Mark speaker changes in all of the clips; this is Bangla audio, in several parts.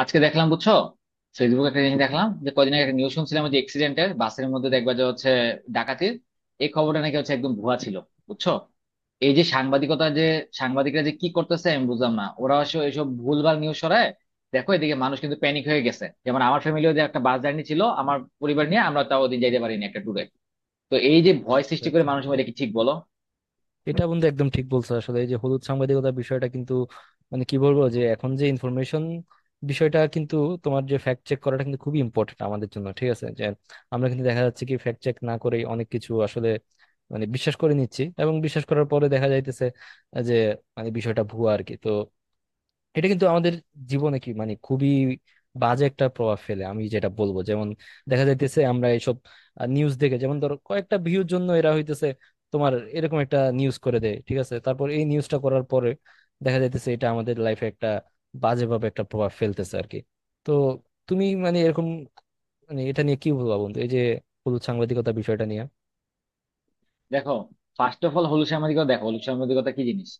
Speaker 1: আজকে দেখলাম, বুঝছো, ফেসবুকে একটা জিনিস দেখলাম যে কদিন আগে একটা নিউজ শুনছিলাম যে এক্সিডেন্টের বাসের মধ্যে দেখবা যে হচ্ছে ডাকাতির এই খবরটা নাকি হচ্ছে একদম ভুয়া ছিল, বুঝছো। এই যে সাংবাদিকতা, যে সাংবাদিকরা যে কি করতেছে আমি বুঝলাম না, ওরা আসলে এইসব ভুলভাল নিউজ ছড়ায়। দেখো, এদিকে মানুষ কিন্তু প্যানিক হয়ে গেছে, যেমন আমার ফ্যামিলিও, যে একটা বাস জার্নি ছিল আমার পরিবার নিয়ে, আমরা তাও ওদিন যাইতে পারিনি একটা ট্যুরে। তো এই যে ভয় সৃষ্টি করে
Speaker 2: আচ্ছা।
Speaker 1: মানুষের মধ্যে, কি ঠিক বলো?
Speaker 2: এটা বন্ধু একদম ঠিক বলছো। আসলে এই যে হলুদ সাংবাদিকতার বিষয়টা কিন্তু মানে কি বলবো, যে এখন যে ইনফরমেশন বিষয়টা কিন্তু, তোমার যে ফ্যাক্ট চেক করাটা কিন্তু খুবই ইম্পর্টেন্ট আমাদের জন্য। ঠিক আছে, যে আমরা কিন্তু দেখা যাচ্ছে কি ফ্যাক্ট চেক না করেই অনেক কিছু আসলে মানে বিশ্বাস করে নিচ্ছি, এবং বিশ্বাস করার পরে দেখা যাইতেছে যে মানে বিষয়টা ভুয়া আর কি। তো এটা কিন্তু আমাদের জীবনে কি মানে খুবই বাজে একটা প্রভাব ফেলে। আমি যেটা বলবো যেমন, দেখা যাইতেছে আমরা এইসব নিউজ দেখে, যেমন ধরো কয়েকটা ভিউর জন্য এরা হইতেছে তোমার এরকম একটা নিউজ করে দেয়। ঠিক আছে, তারপর এই নিউজটা করার পরে দেখা যাইতেছে এটা আমাদের লাইফে একটা বাজেভাবে একটা প্রভাব ফেলতেছে আর কি। তো তুমি মানে এরকম মানে এটা নিয়ে কি বলবা বন্ধু, এই যে হলুদ সাংবাদিকতা বিষয়টা নিয়ে?
Speaker 1: দেখো, ফার্স্ট অফ অল, হলুদ সাংবাদিকতা, দেখো হলুদ সাংবাদিকতা কি জিনিস।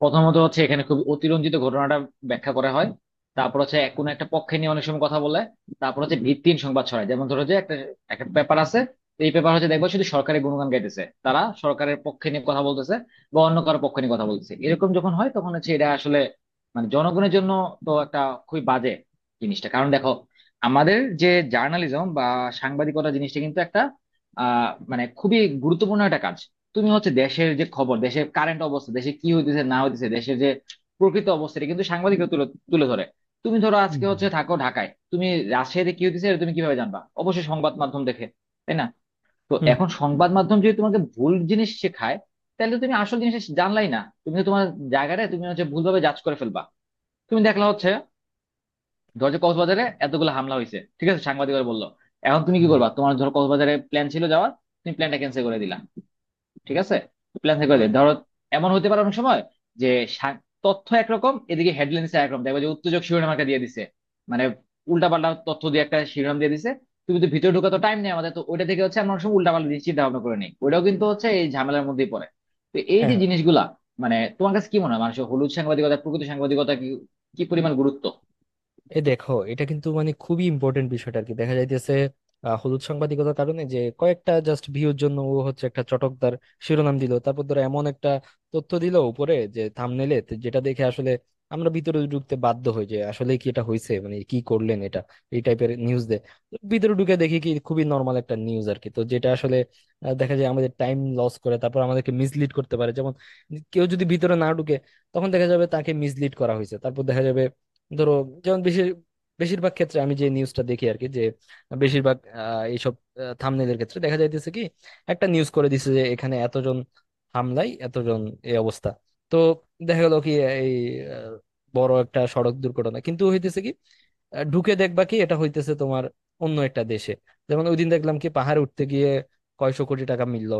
Speaker 1: প্রথমত হচ্ছে এখানে খুব অতিরঞ্জিত ঘটনাটা ব্যাখ্যা করা হয়। তারপর হচ্ছে এক কোনো একটা পক্ষে নিয়ে অনেক সময় কথা বলে। তারপর হচ্ছে ভিত্তিহীন সংবাদ ছড়ায়, যেমন ধরো যে একটা একটা পেপার আছে, তো এই পেপার হচ্ছে দেখবা শুধু সরকারের গুণগান গাইতেছে, তারা সরকারের পক্ষে নিয়ে কথা বলতেছে বা অন্য কারো পক্ষে নিয়ে কথা বলতেছে। এরকম যখন হয়, তখন হচ্ছে এটা আসলে মানে জনগণের জন্য তো একটা খুবই বাজে জিনিসটা। কারণ দেখো, আমাদের যে জার্নালিজম বা সাংবাদিকতা জিনিসটা আহ মানে খুবই গুরুত্বপূর্ণ একটা কাজ। তুমি হচ্ছে দেশের যে খবর, দেশের কারেন্ট অবস্থা, দেশে কি হইতেছে না হইতেছে, দেশের যে প্রকৃত অবস্থা এটা কিন্তু সাংবাদিকরা তুলে তুলে ধরে। তুমি ধরো, আজকে
Speaker 2: হুম
Speaker 1: হচ্ছে থাকো ঢাকায়, তুমি রাজশাহীতে কি হইতেছে এটা তুমি কিভাবে জানবা, অবশ্যই সংবাদ মাধ্যম দেখে, তাই না? তো
Speaker 2: হুম
Speaker 1: এখন সংবাদ মাধ্যম যদি তোমাকে ভুল জিনিস শেখায়, তাহলে তো তুমি আসল জিনিস জানলাই না, তুমি তো তোমার জায়গাটা তুমি হচ্ছে ভুলভাবে জাজ করে ফেলবা। তুমি দেখলা হচ্ছে, ধরো যে কক্সবাজারে এতগুলো হামলা হয়েছে, ঠিক আছে, সাংবাদিকরা বললো। এখন তুমি কি
Speaker 2: হুম
Speaker 1: করবা, তোমার ধরো কক্সবাজারে প্ল্যান ছিল যাওয়ার, তুমি প্ল্যানটা ক্যান্সেল করে দিলা, ঠিক আছে। প্ল্যান ক্যান্সেল করে
Speaker 2: হুম।
Speaker 1: দিলে ধরো এমন হতে পারে অনেক সময় যে সা- তথ্য একরকম, এদিকে হেডলাইন দিচ্ছে একরকম, দেখবে যে উত্তেজক শিরোনাম একটা দিয়ে দিছে, মানে উল্টাপাল্টা তথ্য দিয়ে একটা শিরোনাম দিয়ে দিছে। তুমি তো ভিতরে ঢোকা তো টাইম নেই আমাদের, তো ওইটা থেকে হচ্ছে আমরা অনেক সময় উল্টাপাল্টা জিনিস চিন্তা ভাবনা করে নেই, ওইটাও কিন্তু হচ্ছে এই ঝামেলার মধ্যেই পড়ে। তো এই যে
Speaker 2: হুম
Speaker 1: জিনিসগুলা, মানে তোমার কাছে কি মনে হয়, মানুষের হলুদ সাংবাদিকতা, প্রকৃত সাংবাদিকতা কি কি পরিমাণ গুরুত্ব?
Speaker 2: এই দেখো, এটা কিন্তু মানে খুবই ইম্পর্টেন্ট বিষয়টা আর কি। দেখা যাইতেছে হলুদ সাংবাদিকতার কারণে যে কয়েকটা জাস্ট ভিউর জন্য ও হচ্ছে একটা চটকদার শিরোনাম দিল, তারপর ধরো এমন একটা তথ্য দিল উপরে যে থাম্বনেইলে, যেটা দেখে আসলে আমরা ভিতরে ঢুকতে বাধ্য হই, যে আসলে কি এটা হয়েছে, মানে কি করলেন এটা, এই টাইপের নিউজ ভিতরে ঢুকে দেখি কি খুবই নর্মাল একটা নিউজ আর কি। তো যেটা আসলে দেখা যায় আমাদের টাইম লস করে, তারপর আমাদেরকে মিসলিড করতে পারে। যেমন কেউ যদি ভিতরে না ঢুকে, তখন দেখা যাবে তাকে মিসলিড করা হয়েছে। তারপর দেখা যাবে ধরো, যেমন বেশিরভাগ ক্ষেত্রে আমি যে নিউজটা দেখি আর কি, যে বেশিরভাগ এইসব থাম্বনেলের ক্ষেত্রে দেখা যাইতেছে কি একটা নিউজ করে দিছে যে এখানে এতজন হামলায় এতজন এই অবস্থা। তো দেখা গেল কি এই আহ, বড় একটা সড়ক দুর্ঘটনা কিন্তু হইতেছে কি, ঢুকে দেখবা কি এটা হইতেছে তোমার অন্য একটা দেশে। যেমন ওইদিন দেখলাম কি পাহাড়ে উঠতে গিয়ে কয়শো কোটি টাকা মিলল,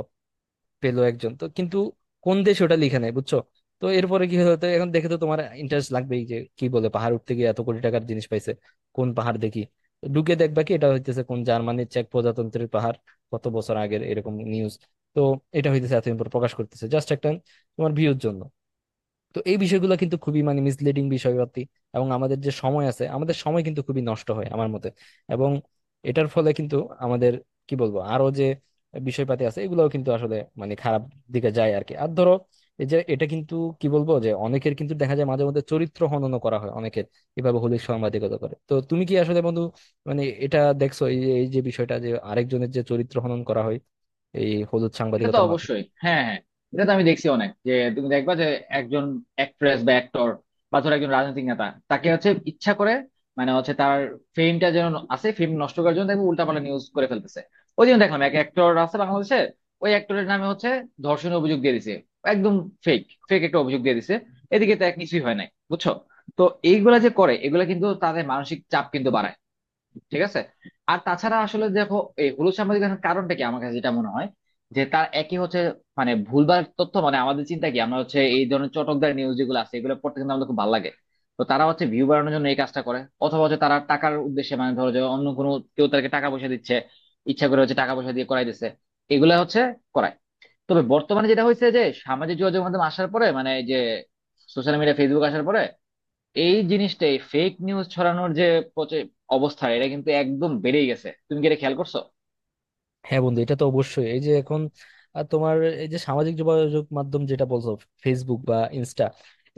Speaker 2: পেলো একজন, তো কিন্তু কোন দেশে ওটা লিখে নাই, বুঝছো। তো এরপরে কি হলো, তো এখন দেখে তো তোমার ইন্টারেস্ট লাগবেই যে কি বলে, পাহাড় উঠতে গিয়ে এত কোটি টাকার জিনিস পাইছে, কোন পাহাড় দেখি। তো ঢুকে দেখবা কি এটা হইতেছে কোন জার্মানির চেক প্রজাতন্ত্রের পাহাড়, কত বছর আগের এরকম নিউজ। তো এটা হইতেছে এতদিন পর প্রকাশ করতেছে জাস্ট একটা তোমার ভিউর জন্য। তো এই বিষয়গুলো কিন্তু খুবই মানে মিসলিডিং বিষয়পাতি, এবং আমাদের যে সময় আছে আমাদের সময় কিন্তু খুবই নষ্ট হয় আমার মতে। এবং এটার ফলে কিন্তু আমাদের কি বলবো, আরো যে বিষয়পাতি আছে এগুলোও কিন্তু আসলে মানে খারাপ দিকে যায় আর কি। আর ধরো এই যে এটা কিন্তু কি বলবো, যে অনেকের কিন্তু দেখা যায় মাঝে মধ্যে চরিত্র হনন করা হয় অনেকের, এভাবে হলির সাংবাদিকতা করে। তো তুমি কি আসলে বন্ধু মানে এটা দেখছো, এই যে বিষয়টা যে আরেকজনের যে চরিত্র হনন করা হয় এই হলুদ
Speaker 1: এটা তো
Speaker 2: সাংবাদিকতার মাধ্যমে?
Speaker 1: অবশ্যই, হ্যাঁ, হ্যাঁ, এটা তো আমি দেখছি অনেক, যে তুমি দেখবা যে একজন অ্যাক্ট্রেস বা অ্যাক্টর, বা ধরো একজন রাজনৈতিক নেতা, তাকে হচ্ছে ইচ্ছা করে, মানে হচ্ছে তার ফেমটা যেন আছে, ফেম নষ্ট করার জন্য দেখবে উল্টাপাল্টা নিউজ করে ফেলতেছে। ওই জন্য দেখলাম এক অ্যাক্টর আছে বাংলাদেশে, ওই অ্যাক্টরের নামে হচ্ছে ধর্ষণের অভিযোগ দিয়ে দিছে, একদম ফেক ফেক একটা অভিযোগ দিয়ে দিছে, এদিকে তো এক কিছুই হয় নাই, বুঝছো। তো এইগুলা যে করে, এগুলা কিন্তু তাদের মানসিক চাপ কিন্তু বাড়ায়, ঠিক আছে। আর তাছাড়া আসলে দেখো, এই হলুদ সাংবাদিকতার কারণটা কি আমার কাছে যেটা মনে হয় যে তার একই হচ্ছে মানে ভুলভাল তথ্য, মানে আমাদের চিন্তা কি, আমরা হচ্ছে এই ধরনের চটকদার নিউজ যেগুলো আছে এগুলো পড়তে কিন্তু আমাদের খুব ভালো লাগে। তো তারা হচ্ছে ভিউ বাড়ানোর জন্য এই কাজটা করে, অথবা হচ্ছে তারা টাকার উদ্দেশ্যে, মানে ধরো যে অন্য কোনো কেউ তাদেরকে টাকা পয়সা দিচ্ছে, ইচ্ছা করে হচ্ছে টাকা পয়সা দিয়ে করাই দিচ্ছে, এগুলা হচ্ছে করায়। তবে বর্তমানে যেটা হয়েছে, যে সামাজিক যোগাযোগ মাধ্যম আসার পরে, মানে এই যে সোশ্যাল মিডিয়া, ফেসবুক আসার পরে, এই জিনিসটাই ফেক নিউজ ছড়ানোর যে প্রচে- অবস্থা, এটা কিন্তু একদম বেড়েই গেছে। তুমি কি এটা খেয়াল করছো?
Speaker 2: হ্যাঁ বন্ধু, এটা তো অবশ্যই। এই যে এখন তোমার এই যে সামাজিক যোগাযোগ মাধ্যম যেটা বলছো, ফেসবুক বা ইনস্টা,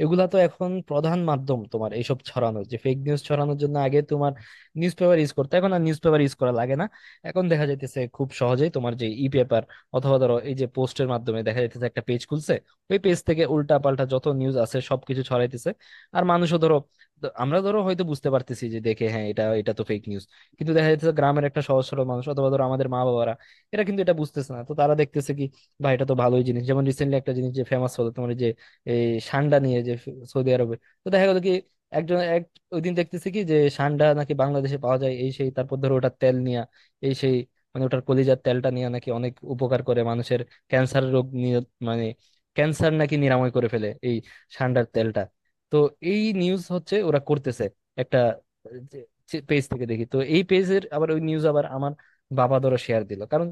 Speaker 2: এগুলা তো এখন প্রধান মাধ্যম তোমার এইসব ছড়ানোর, যে ফেক নিউজ ছড়ানোর জন্য। আগে তোমার নিউজ পেপার ইউজ করতে, এখন আর নিউজ পেপার ইউজ করা লাগে না। এখন দেখা যাইতেছে খুব সহজেই তোমার যে ই পেপার অথবা ধরো এই যে পোস্টের মাধ্যমে দেখা যাইতেছে একটা পেজ খুলছে, ওই পেজ থেকে উল্টা পাল্টা যত নিউজ আছে সবকিছু ছড়াইতেছে। আর মানুষও ধরো, আমরা ধরো হয়তো বুঝতে পারতেছি যে দেখে, হ্যাঁ এটা এটা তো ফেক নিউজ, কিন্তু দেখা যাচ্ছে গ্রামের একটা সহজ সরল মানুষ অথবা ধরো আমাদের মা বাবারা এরা কিন্তু এটা বুঝতেছে না। তো তারা দেখতেছে কি, ভাই এটা তো ভালোই জিনিস। যেমন রিসেন্টলি একটা জিনিস যে ফেমাস হলো তোমার, এই যে এই সান্ডা নিয়ে যে, সৌদি আরবে। তো দেখা গেলো কি একজন এক ওই দিন দেখতেছে কি যে সান্ডা নাকি বাংলাদেশে পাওয়া যায়, এই সেই, তারপর ধরো ওটার তেল নিয়ে এই সেই, মানে ওটার কলিজার তেলটা নিয়ে নাকি অনেক উপকার করে মানুষের, ক্যান্সার রোগ নিয়ে, মানে ক্যান্সার নাকি নিরাময় করে ফেলে এই সান্ডার তেলটা। তো এই নিউজ হচ্ছে ওরা করতেছে একটা পেজ থেকে, দেখি তো এই পেজের আবার ওই নিউজ আবার আমার বাবা ধরো শেয়ার দিল। কারণ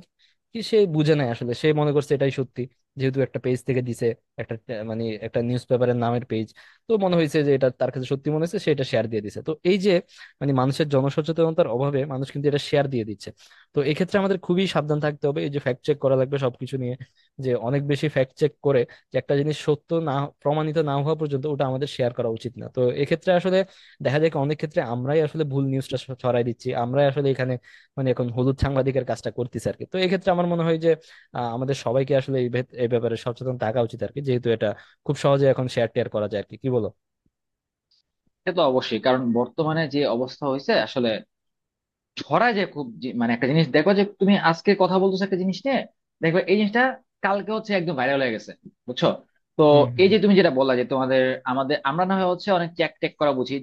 Speaker 2: কি, সে বুঝে নাই আসলে, সে মনে করছে এটাই সত্যি, যেহেতু একটা পেজ থেকে দিছে, একটা মানে একটা নিউজ পেপারের নামের পেজ, তো মনে হয়েছে যে এটা তার কাছে সত্যি মনে হয়েছে, সে এটা শেয়ার দিয়ে দিছে। তো এই যে মানে মানুষের জনসচেতনতার অভাবে মানুষ কিন্তু এটা শেয়ার দিয়ে দিচ্ছে। তো এক্ষেত্রে আমাদের খুবই সাবধান থাকতে হবে, এই যে ফ্যাক্ট চেক করা লাগবে সবকিছু নিয়ে, যে অনেক বেশি ফ্যাক্ট চেক করে, যে একটা জিনিস সত্য না প্রমাণিত না হওয়া পর্যন্ত ওটা আমাদের শেয়ার করা উচিত না। তো এক্ষেত্রে আসলে দেখা যায় কি, অনেক ক্ষেত্রে আমরাই আসলে ভুল নিউজটা ছড়াই দিচ্ছি, আমরাই আসলে এখানে মানে এখন হলুদ সাংবাদিকের কাজটা করতেছে আর কি। তো এক্ষেত্রে আমার মনে হয় যে আমাদের সবাইকে আসলে এই এই ব্যাপারে সচেতন থাকা উচিত আর কি, যেহেতু এটা খুব সহজে এখন শেয়ার টেয়ার করা যায় আর কি। কি বলো?
Speaker 1: সে তো অবশ্যই, কারণ বর্তমানে যে অবস্থা হয়েছে আসলে ছড়ায় যে খুব মানে একটা জিনিস দেখো, যে তুমি আজকে কথা বলতেছো একটা জিনিস নিয়ে, দেখবে এই জিনিসটা কালকে হচ্ছে একদম ভাইরাল হয়ে গেছে, বুঝছো। তো
Speaker 2: হুম হুম
Speaker 1: এই যে তুমি যেটা বললা যে তোমাদের আমাদের, আমরা না হয় হচ্ছে অনেক চ্যাক ট্যাক করা বুঝি।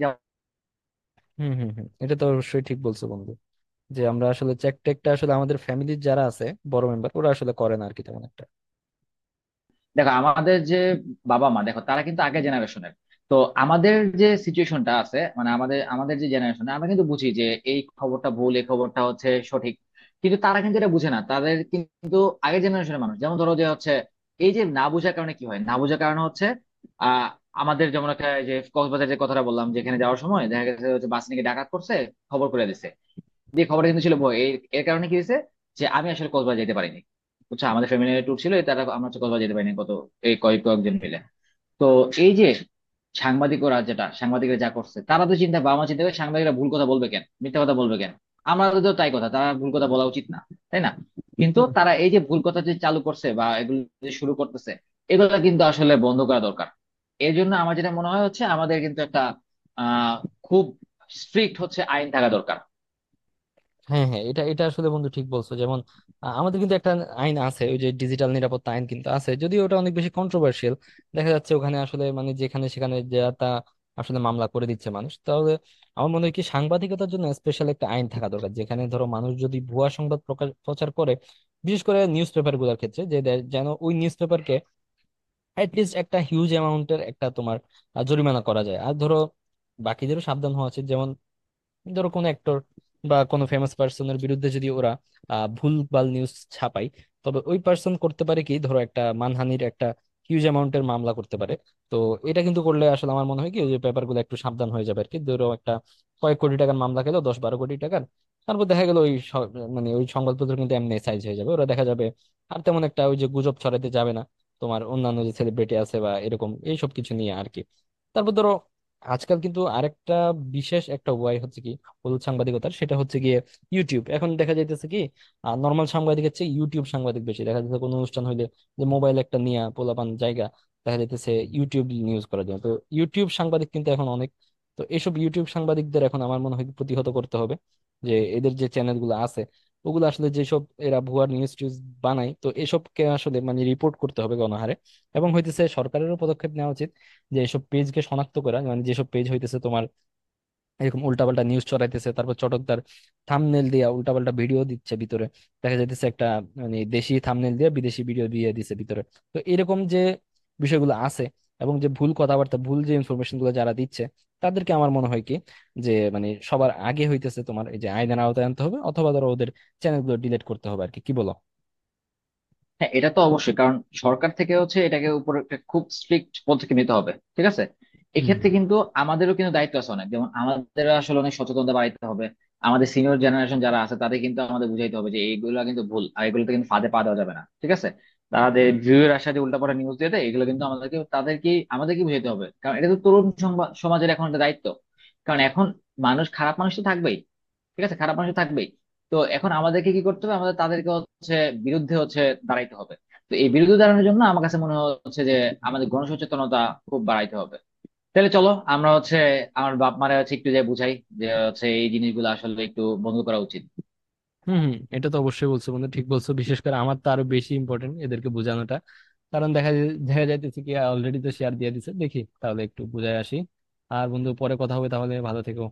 Speaker 2: হুম হুম হুম এটা তো অবশ্যই ঠিক বলছো বন্ধু, যে আমরা আসলে চেক টেকটা আসলে আমাদের ফ্যামিলির যারা আছে বড় মেম্বার ওরা আসলে করে না আর কি তেমন একটা।
Speaker 1: দেখো, আমাদের যে বাবা মা, দেখো তারা কিন্তু আগের জেনারেশনের, তো আমাদের যে সিচুয়েশনটা আছে, মানে আমাদের আমাদের যে জেনারেশন, আমরা কিন্তু বুঝি যে এই খবরটা ভুল, এই খবরটা হচ্ছে সঠিক, কিন্তু তারা কিন্তু এটা বুঝে না, তাদের কিন্তু আগের জেনারেশনের মানুষ, যেমন ধরো যে হচ্ছে এই যে না বোঝার কারণে কি হয়, না বোঝার কারণে হচ্ছে আহ আমাদের যেমন একটা, এই যে কক্সবাজারের যে কথাটা বললাম, যেখানে যাওয়ার সময় দেখা গেছে হচ্ছে বাস নিয়ে ডাকাত করছে, খবর করে দিছে, যে খবরটা কিন্তু ছিল বই, এর এর কারণে কি হয়েছে যে আমি আসলে কক্সবাজার যেতে পারিনি, বুঝছো, আমাদের ফ্যামিলি ট্যুর ছিল, এই তারা আমরা হচ্ছে কক্সবাজার যেতে পারিনি, কত এই কয়েকজন মিলে। তো এই যে সাংবাদিক, ওরা যেটা সাংবাদিকরা যা করছে, তারা তো চিন্তা, বাবা মা চিন্তা করে সাংবাদিকরা ভুল কথা বলবে কেন, মিথ্যা কথা বলবে কেন, আমাদের তো তাই কথা তারা ভুল কথা বলা উচিত না, তাই না? কিন্তু
Speaker 2: হুম
Speaker 1: তারা এই যে ভুল কথা যে চালু করছে বা এগুলো যে শুরু করতেছে, এগুলো কিন্তু আসলে বন্ধ করা দরকার। এর জন্য আমার যেটা মনে হয় হচ্ছে, আমাদের কিন্তু একটা আহ খুব স্ট্রিক্ট হচ্ছে আইন থাকা দরকার।
Speaker 2: হ্যাঁ হ্যাঁ, এটা এটা আসলে বন্ধু ঠিক বলছো। যেমন আ, আমাদের কিন্তু একটা আইন আছে, ওই যে ডিজিটাল নিরাপত্তা আইন কিন্তু আছে, যদিও ওটা অনেক বেশি কন্ট্রোভার্সিয়াল। দেখা যাচ্ছে ওখানে আসলে মানে যেখানে সেখানে যা তা আসলে মামলা করে দিচ্ছে মানুষ। তাহলে আমার মনে হয় কি, সাংবাদিকতার জন্য স্পেশাল একটা আইন থাকা দরকার, যেখানে ধরো মানুষ যদি ভুয়া সংবাদ প্রকাশ প্রচার করে, বিশেষ করে নিউজ পেপার গুলোর ক্ষেত্রে, যে যেন ওই নিউজ পেপারকে অ্যাটলিস্ট একটা হিউজ অ্যামাউন্টের একটা তোমার আ, জরিমানা করা যায়। আর ধরো বাকিদেরও সাবধান হওয়া উচিত। যেমন ধরো কোনো অ্যাক্টর বা কোনো ফেমাস পার্সনের বিরুদ্ধে যদি ওরা ভুলভাল নিউজ ছাপায়, তবে ওই পার্সন করতে পারে কি ধরো একটা মানহানির একটা হিউজ অ্যামাউন্টের মামলা করতে পারে। তো এটা কিন্তু করলে আসলে আমার মনে হয় কি, ওই যে পেপারগুলো একটু সাবধান হয়ে যাবে আর কি। ধরো একটা কয়েক কোটি টাকার মামলা খেলো, 10-12 কোটি টাকার, তারপর দেখা গেল ওই মানে ওই সংবাদপত্র কিন্তু এমনি সাইজ হয়ে যাবে, ওরা দেখা যাবে আর তেমন একটা ওই যে গুজব ছড়াতে যাবে না তোমার অন্যান্য যে সেলিব্রিটি আছে বা এরকম এইসব কিছু নিয়ে আর কি। তারপর ধরো, আজকাল কিন্তু আরেকটা বিশেষ একটা উপায় হচ্ছে কি হলুদ সাংবাদিকতার, সেটা হচ্ছে গিয়ে ইউটিউব। এখন দেখা যাইতেছে কি নর্মাল সাংবাদিকের চেয়ে ইউটিউব সাংবাদিক বেশি দেখা যাচ্ছে কোনো অনুষ্ঠান হইলে, যে মোবাইল একটা নিয়ে পোলাপান জায়গা দেখা যাইতেছে ইউটিউব নিউজ করার জন্য। তো ইউটিউব সাংবাদিক কিন্তু এখন অনেক। তো এসব ইউটিউব সাংবাদিকদের এখন আমার মনে হয় প্রতিহত করতে হবে, যে এদের যে চ্যানেল গুলো আছে ওগুলো আসলে, যেসব এরা ভুয়া নিউজ টিউজ বানায়, তো এসবকে আসলে মানে রিপোর্ট করতে হবে গণহারে। এবং হইতেছে সরকারেরও পদক্ষেপ নেওয়া উচিত, যে এসব পেজকে শনাক্ত করা, মানে যেসব পেজ হইতেছে তোমার এরকম উল্টাপাল্টা নিউজ ছড়াইতেছে, তারপর চটকদার থাম্বনেল দিয়া উল্টাপাল্টা ভিডিও দিচ্ছে ভিতরে, দেখা যাইতেছে একটা মানে দেশি থাম্বনেল দিয়ে বিদেশি ভিডিও দিয়ে দিছে ভিতরে। তো এরকম যে বিষয়গুলো আছে, এবং যে ভুল কথাবার্তা, ভুল যে ইনফরমেশন গুলো যারা দিচ্ছে, তাদেরকে আমার মনে হয় কি, যে মানে সবার আগে হইতেছে তোমার এই যে আইনের আওতায় আনতে হবে, অথবা ধরো ওদের চ্যানেলগুলো ডিলিট করতে হবে আর কি। কি বলো?
Speaker 1: হ্যাঁ, এটা তো অবশ্যই কারণ সরকার থেকে হচ্ছে এটাকে উপর একটা খুব স্ট্রিক্ট পদক্ষেপ নিতে হবে, ঠিক আছে।
Speaker 2: হুম
Speaker 1: এক্ষেত্রে কিন্তু আমাদেরও কিন্তু দায়িত্ব আছে অনেক, যেমন আমাদের আসলে অনেক সচেতনতা বাড়াইতে হবে। আমাদের সিনিয়র জেনারেশন যারা আছে, তাদের কিন্তু আমাদের বুঝাইতে হবে যে এইগুলো কিন্তু ভুল, আর এগুলোতে কিন্তু ফাঁদে পা দেওয়া যাবে না, ঠিক আছে। তাদের ভিউয়ের আশাতে উল্টাপাল্টা নিউজ দিয়ে দেয়, এগুলো কিন্তু আমাদেরকে তাদেরকে আমাদেরকে বুঝাইতে হবে, কারণ এটা তো তরুণ সমাজের এখন একটা দায়িত্ব। কারণ এখন মানুষ, খারাপ মানুষ তো থাকবেই, ঠিক আছে, খারাপ মানুষ তো থাকবেই। তো এখন আমাদেরকে কি করতে হবে, আমাদের তাদেরকে হচ্ছে বিরুদ্ধে হচ্ছে দাঁড়াইতে হবে। তো এই বিরুদ্ধে দাঁড়ানোর জন্য আমার কাছে মনে হচ্ছে যে আমাদের গণসচেতনতা খুব বাড়াইতে হবে। তাহলে চলো আমরা হচ্ছে আমার বাপ মারা হচ্ছে একটু যে বুঝাই, যে হচ্ছে এই জিনিসগুলো আসলে একটু বন্ধ করা উচিত।
Speaker 2: হম হম এটা তো অবশ্যই বলছো বন্ধু, ঠিক বলছো। বিশেষ করে আমার তো আরো বেশি ইম্পর্টেন্ট এদেরকে বোঝানোটা, কারণ দেখা যাইতেছে কি অলরেডি তো শেয়ার দিয়ে দিছে। দেখি তাহলে একটু বুঝায় আসি। আর বন্ধু পরে কথা হবে তাহলে, ভালো থেকো।